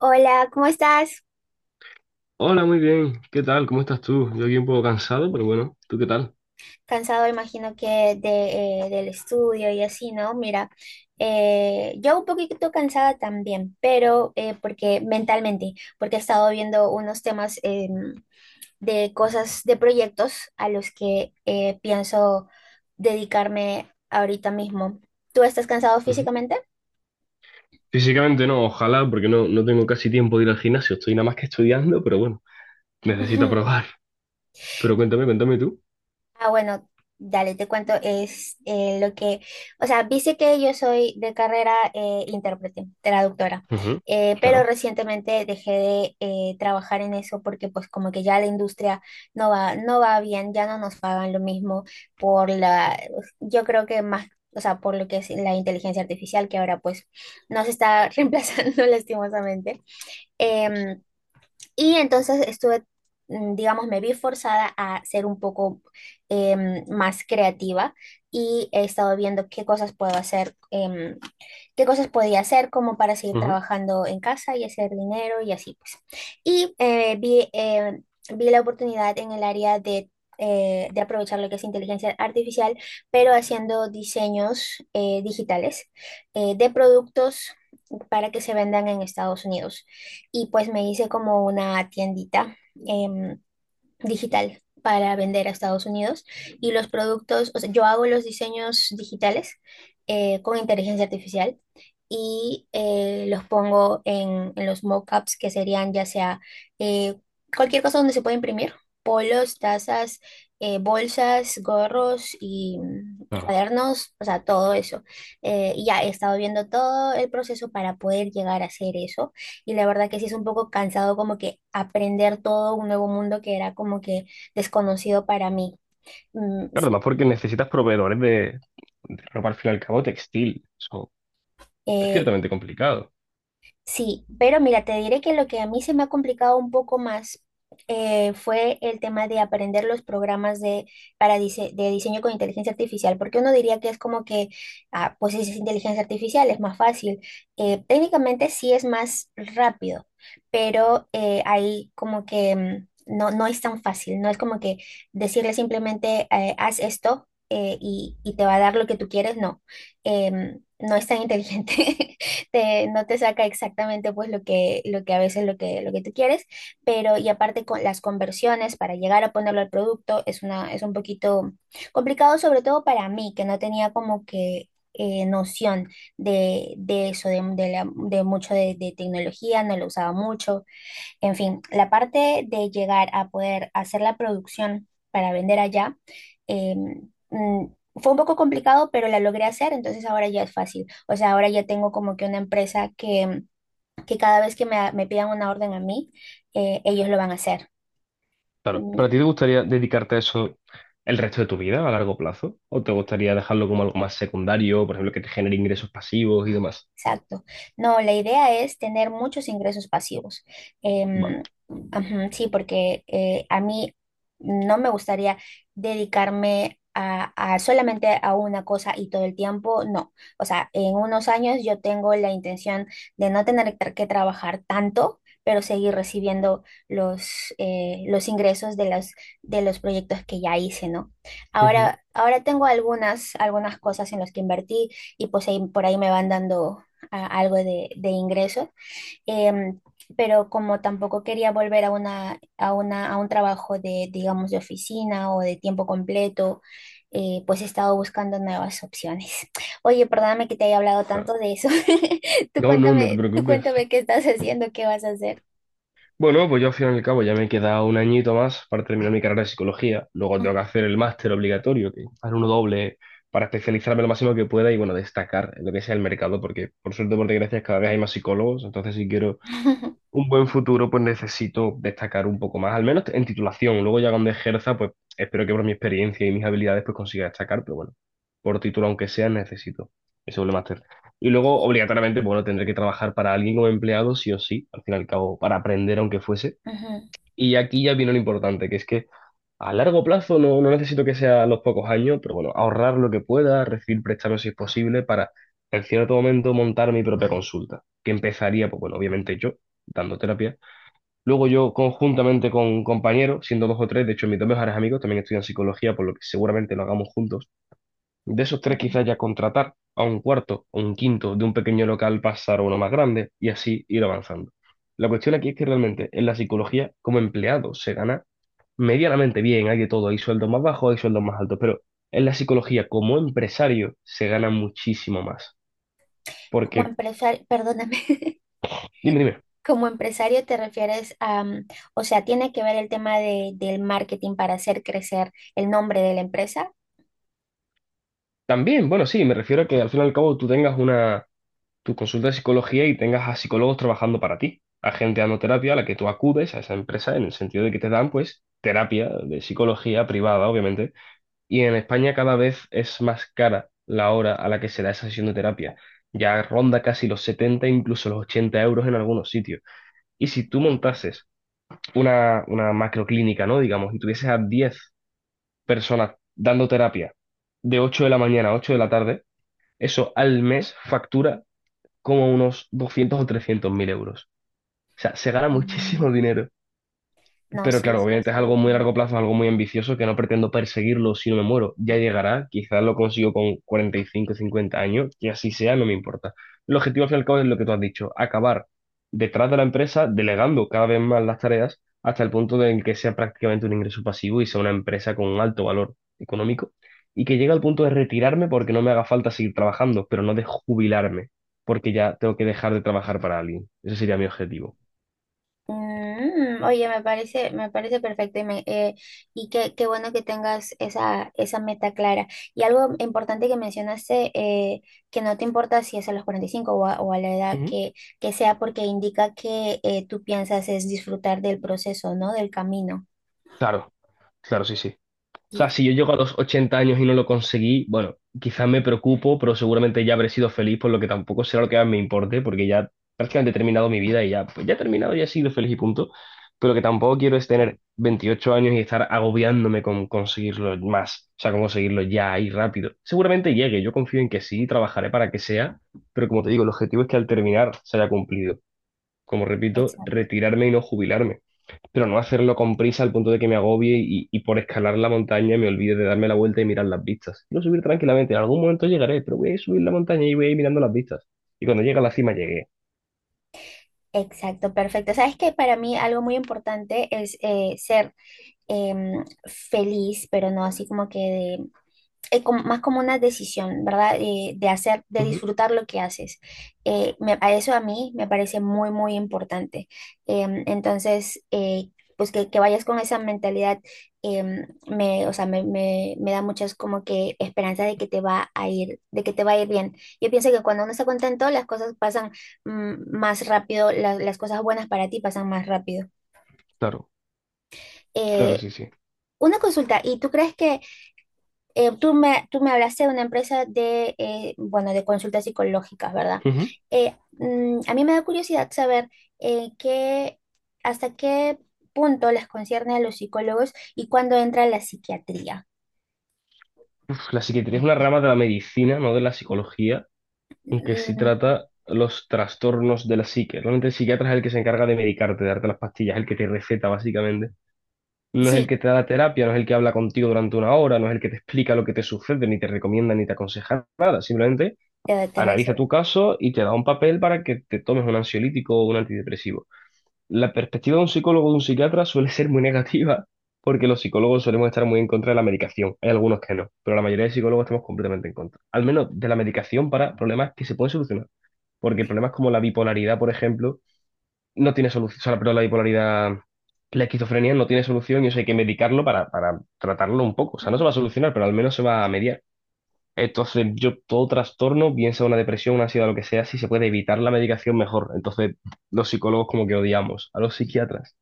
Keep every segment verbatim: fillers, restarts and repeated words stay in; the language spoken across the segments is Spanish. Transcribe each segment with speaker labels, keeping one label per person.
Speaker 1: Hola, ¿cómo estás?
Speaker 2: Hola, muy bien. ¿Qué tal? ¿Cómo estás tú? Yo aquí un poco cansado, pero bueno, ¿tú qué tal?
Speaker 1: Cansado, imagino que de, eh, del estudio y así, ¿no? Mira, eh, yo un poquito cansada también, pero eh, porque mentalmente, porque he estado viendo unos temas eh, de cosas, de proyectos a los que eh, pienso dedicarme ahorita mismo. ¿Tú estás cansado
Speaker 2: Ujú.
Speaker 1: físicamente?
Speaker 2: Físicamente no, ojalá, porque no, no tengo casi tiempo de ir al gimnasio. Estoy nada más que estudiando, pero bueno, necesito probar. Pero cuéntame, cuéntame tú.
Speaker 1: Ah, bueno, dale, te cuento, es eh, lo que, o sea, viste que yo soy de carrera eh, intérprete, traductora,
Speaker 2: Ujú.
Speaker 1: eh, pero
Speaker 2: Claro.
Speaker 1: recientemente dejé de eh, trabajar en eso porque pues como que ya la industria no va, no va bien, ya no nos pagan lo mismo por la, yo creo que más, o sea, por lo que es la inteligencia artificial que ahora pues nos está reemplazando lastimosamente. Em, y entonces estuve, mm, digamos, me vi forzada a ser un poco em, más creativa y he estado viendo qué cosas puedo hacer em, qué cosas podía hacer como para seguir
Speaker 2: Ujú.
Speaker 1: trabajando en casa y hacer dinero y así pues. Y eh, vi, eh, vi la oportunidad en el área de, eh, de aprovechar lo que es inteligencia artificial, pero haciendo diseños eh, digitales eh, de productos para que se vendan en Estados Unidos. Y pues me hice como una tiendita em, digital para vender a Estados Unidos, y los productos, o sea, yo hago los diseños digitales eh, con inteligencia artificial y eh, los pongo en, en los mockups que serían ya sea eh, cualquier cosa donde se puede imprimir: polos, tazas, eh, bolsas, gorros y mm,
Speaker 2: Claro.
Speaker 1: cuadernos, o sea, todo eso. Eh, y ya he estado viendo todo el proceso para poder llegar a hacer eso, y la verdad que sí es un poco cansado, como que aprender todo un nuevo mundo que era como que desconocido para mí. Mm,
Speaker 2: Claro,
Speaker 1: s-
Speaker 2: además porque necesitas proveedores de, de ropa al fin y al cabo textil. Eso es
Speaker 1: eh,
Speaker 2: ciertamente complicado.
Speaker 1: Sí, pero mira, te diré que lo que a mí se me ha complicado un poco más eh, fue el tema de aprender los programas de, para dise- de diseño con inteligencia artificial, porque uno diría que es como que, ah, pues es inteligencia artificial, es más fácil. Eh, técnicamente sí es más rápido, pero eh, ahí como que mm, no, no es tan fácil, no es como que decirle simplemente eh, haz esto eh, y, y te va a dar lo que tú quieres, no. Em, no es tan inteligente. Te, no te saca exactamente pues lo que, lo que a veces lo que, lo que tú quieres, pero y aparte con las conversiones para llegar a ponerlo al producto es una, es un poquito complicado, sobre todo para mí, que no tenía como que eh, noción de, de eso, de, de la- de mucho de, de tecnología, no lo usaba mucho. En fin, la parte de llegar a poder hacer la producción para vender allá, em, mm, fue un poco complicado, pero la logré hacer, entonces ahora ya es fácil. O sea, ahora ya tengo como que una empresa que, que cada vez que me, me pidan una orden a mí, eh, ellos lo van a hacer.
Speaker 2: Claro. ¿Para ti te gustaría dedicarte a eso el resto de tu vida a largo plazo? ¿O te gustaría dejarlo como algo más secundario, por ejemplo, que te genere ingresos pasivos y demás?
Speaker 1: Exacto. No, la idea es tener muchos ingresos pasivos.
Speaker 2: Vale.
Speaker 1: Em, ajá, sí, porque eh, a mí no me gustaría dedicarme a, a solamente a una cosa y todo el tiempo, no. O sea, en unos años yo tengo la intención de no tener tra- que trabajar tanto, pero seguir recibiendo los, eh, los ingresos de los, de los proyectos que ya hice, ¿no?
Speaker 2: Ujú.
Speaker 1: Ahora, ahora tengo algunas, algunas cosas en las que invertí y pues ahí, por ahí me van dando a- algo de, de ingreso, em, pero como tampoco quería volver a una, a una, a un trabajo de, digamos, de oficina o de tiempo completo, eh, pues he estado buscando nuevas opciones. Oye, perdóname que te haya hablado tanto de eso. Tú
Speaker 2: No, no, no te
Speaker 1: cuéntame, tú
Speaker 2: preocupes.
Speaker 1: cuéntame qué estás haciendo, qué vas a hacer.
Speaker 2: Bueno, pues yo al final y al cabo ya me queda un añito más para terminar mi carrera de psicología. Luego tengo que hacer el máster obligatorio, que hacer uno doble para especializarme lo máximo que pueda y bueno, destacar en lo que sea el mercado, porque por suerte, o por desgracia, cada vez hay más psicólogos. Entonces, si quiero un buen futuro, pues necesito destacar un poco más, al menos en titulación. Luego ya cuando ejerza, pues espero que por mi experiencia y mis habilidades pues consiga destacar, pero bueno, por título aunque sea, necesito ese doble máster. Y luego, obligatoriamente, bueno, tendré que trabajar para alguien como empleado, sí o sí, al fin y al cabo, para aprender aunque fuese.
Speaker 1: Ujú.
Speaker 2: Y aquí ya viene lo importante, que es que a largo plazo no, no necesito que sea a los pocos años, pero bueno, ahorrar lo que pueda, recibir préstamos si es posible, para en cierto momento montar mi propia consulta, que empezaría, pues bueno, obviamente yo, dando terapia. Luego yo conjuntamente con compañeros, siendo dos o tres, de hecho mis dos mejores amigos también estudian psicología, por lo que seguramente lo hagamos juntos. De esos tres quizás ya contratar a un cuarto o un quinto, de un pequeño local pasar a uno más grande y así ir avanzando. La cuestión aquí es que realmente en la psicología como empleado se gana medianamente bien, hay de todo, hay sueldos más bajos, hay sueldos más altos, pero en la psicología como empresario se gana muchísimo más.
Speaker 1: Como
Speaker 2: Porque,
Speaker 1: empresario, perdóname.
Speaker 2: dime, dime,
Speaker 1: Como empresario te refieres a, mm, o sea, tiene que ver el tema de, del marketing para hacer crecer el nombre de la empresa.
Speaker 2: también, bueno, sí, me refiero a que al fin y al cabo tú tengas una tu consulta de psicología y tengas a psicólogos trabajando para ti, a gente dando terapia a la que tú acudes a esa empresa en el sentido de que te dan pues terapia de psicología privada, obviamente, y en España cada vez es más cara la hora a la que se da esa sesión de terapia. Ya ronda casi los setenta, incluso los ochenta euros en algunos sitios. Y si tú
Speaker 1: No.
Speaker 2: montases una, una macroclínica, ¿no? Digamos, y tuvieses a diez personas dando terapia de ocho de la mañana a ocho de la tarde, eso al mes factura como unos doscientos o trescientos mil euros. O sea, se gana
Speaker 1: Mm.
Speaker 2: muchísimo dinero.
Speaker 1: No,
Speaker 2: Pero
Speaker 1: sí,
Speaker 2: claro,
Speaker 1: sí,
Speaker 2: obviamente es
Speaker 1: estoy
Speaker 2: algo muy a
Speaker 1: viendo.
Speaker 2: largo plazo, es algo muy ambicioso que no pretendo perseguirlo si no me muero. Ya llegará, quizás lo consigo con cuarenta y cinco, cincuenta años, que así sea, no me importa. El objetivo al fin y al cabo es lo que tú has dicho, acabar detrás de la empresa, delegando cada vez más las tareas hasta el punto de en que sea prácticamente un ingreso pasivo y sea una empresa con un alto valor económico y que llegue al punto de retirarme porque no me haga falta seguir trabajando, pero no de jubilarme, porque ya tengo que dejar de trabajar para alguien. Ese sería mi objetivo.
Speaker 1: Mm, oye, me parece, me parece perfecto y, me- eh, y qué, qué bueno que tengas esa, esa meta clara. Y algo importante que mencionaste, eh, que no te importa si es a los cuarenta y cinco o a, o a la edad
Speaker 2: Ujú.
Speaker 1: que, que sea, porque indica que eh, tú piensas es disfrutar del proceso, ¿no? Del camino.
Speaker 2: Claro, claro, sí, sí. O sea,
Speaker 1: Y,
Speaker 2: si yo llego a los ochenta años y no lo conseguí, bueno, quizás me preocupo, pero seguramente ya habré sido feliz, por lo que tampoco será lo que más me importe, porque ya prácticamente he terminado mi vida y ya, pues ya he terminado, ya he sido feliz y punto. Pero lo que tampoco quiero es tener veintiocho años y estar agobiándome con conseguirlo más, o sea, con conseguirlo ya y rápido. Seguramente llegue, yo confío en que sí, trabajaré para que sea, pero como te digo, el objetivo es que al terminar se haya cumplido. Como repito,
Speaker 1: exacto,
Speaker 2: retirarme y no jubilarme, pero no hacerlo con prisa al punto de que me agobie y, y por escalar la montaña me olvide de darme la vuelta y mirar las vistas. Quiero subir tranquilamente, en algún momento llegaré, pero voy a subir la montaña y voy a ir mirando las vistas. Y cuando llegue a la cima, llegué.
Speaker 1: exacto, perfecto. Sabes que para mí algo muy importante es eh, ser em, feliz, pero no así como que eh, como- más como una decisión, ¿verdad? Eh, de hacer, de
Speaker 2: Ujú.
Speaker 1: disfrutar lo que haces. Eh, me- a eso a mí me parece muy, muy importante. Em, entonces, eh, pues que, que vayas con esa mentalidad, em, me, o sea, me, me- me da muchas como que esperanza de que te va a ir, de que te va a ir bien. Yo pienso que cuando uno está contento, las cosas pasan mm, más rápido, la- las cosas buenas para ti pasan más rápido.
Speaker 2: Claro, claro,
Speaker 1: Eh,
Speaker 2: sí, sí.
Speaker 1: una consulta, ¿y tú crees que eh, tú me, tú me hablaste de una empresa de, eh, bueno, de consultas psicológicas, ¿verdad?
Speaker 2: Ujú.
Speaker 1: Eh, mm, a mí me da curiosidad saber eh, qué, hasta qué punto les concierne a los psicólogos y cuándo entra la psiquiatría.
Speaker 2: La psiquiatría es una rama de la medicina, no de la psicología, aunque sí
Speaker 1: Mm,
Speaker 2: trata los trastornos de la psique. Realmente el psiquiatra es el que se encarga de medicarte, de darte las pastillas, el que te receta básicamente. No es el
Speaker 1: sí,
Speaker 2: que te da la terapia, no es el que habla contigo durante una hora, no es el que te explica lo que te sucede, ni te recomienda, ni te aconseja nada. Simplemente
Speaker 1: te, te
Speaker 2: analiza tu
Speaker 1: receta.
Speaker 2: caso y te da un papel para que te tomes un ansiolítico o un antidepresivo. La perspectiva de un psicólogo o de un psiquiatra suele ser muy negativa porque los psicólogos solemos estar muy en contra de la medicación. Hay algunos que no, pero la mayoría de psicólogos estamos completamente en contra. Al menos de la medicación para problemas que se pueden solucionar. Porque problemas como la bipolaridad, por ejemplo, no tiene solución. O sea, pero la bipolaridad, la esquizofrenia no tiene solución y eso hay que medicarlo para, para tratarlo un poco. O sea, no se va a
Speaker 1: Ujú.
Speaker 2: solucionar, pero al menos se va a mediar. Entonces, yo todo trastorno, bien sea una depresión, una ansiedad, lo que sea, si se puede evitar la medicación, mejor. Entonces, los psicólogos como que odiamos a los psiquiatras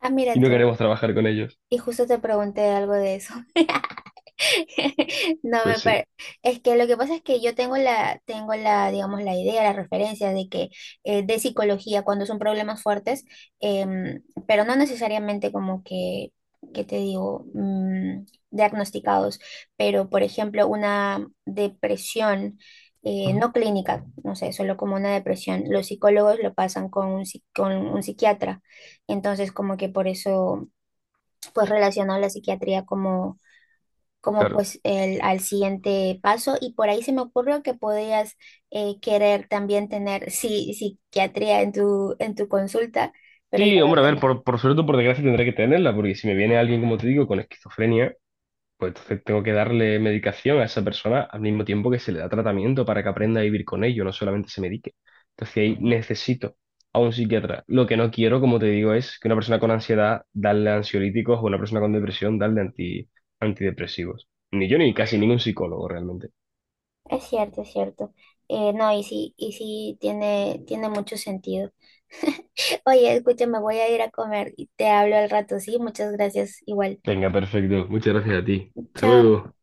Speaker 1: Ah, mira
Speaker 2: y no
Speaker 1: tú.
Speaker 2: queremos trabajar con ellos.
Speaker 1: Y justo te pregunté algo de eso. No
Speaker 2: Pues
Speaker 1: me
Speaker 2: sí.
Speaker 1: parece. Es que lo que pasa es que yo tengo la, tengo la, digamos, la idea, la referencia de que eh, de psicología cuando son problemas fuertes, em, pero no necesariamente como que, que te digo, mm, diagnosticados, pero por ejemplo, una depresión eh,
Speaker 2: Ujú.
Speaker 1: no clínica, no sé, solo como una depresión, los psicólogos lo pasan con un, psi- con un psiquiatra, entonces como que por eso pues relaciono la psiquiatría como como
Speaker 2: Claro.
Speaker 1: pues el, al siguiente paso y por ahí se me ocurrió que podías eh, querer también tener sí, psiquiatría en tu, en tu consulta, pero ya
Speaker 2: Sí,
Speaker 1: veo
Speaker 2: hombre, a
Speaker 1: que
Speaker 2: ver,
Speaker 1: no.
Speaker 2: por, por suerte o por desgracia tendré que tenerla, porque si me viene alguien, como te digo, con esquizofrenia, pues entonces tengo que darle medicación a esa persona al mismo tiempo que se le da tratamiento para que aprenda a vivir con ello, no solamente se medique. Entonces ahí necesito a un psiquiatra. Lo que no quiero, como te digo, es que una persona con ansiedad darle ansiolíticos o una persona con depresión darle anti- antidepresivos. Ni yo ni casi ningún psicólogo realmente.
Speaker 1: Es cierto, es cierto. Eh, no, y sí, y sí tiene, tiene mucho sentido. Oye, escúchame, voy a ir a comer y te hablo al rato, sí, muchas gracias, igual.
Speaker 2: Venga, perfecto. Muchas gracias a ti. Hasta
Speaker 1: Chao.
Speaker 2: luego.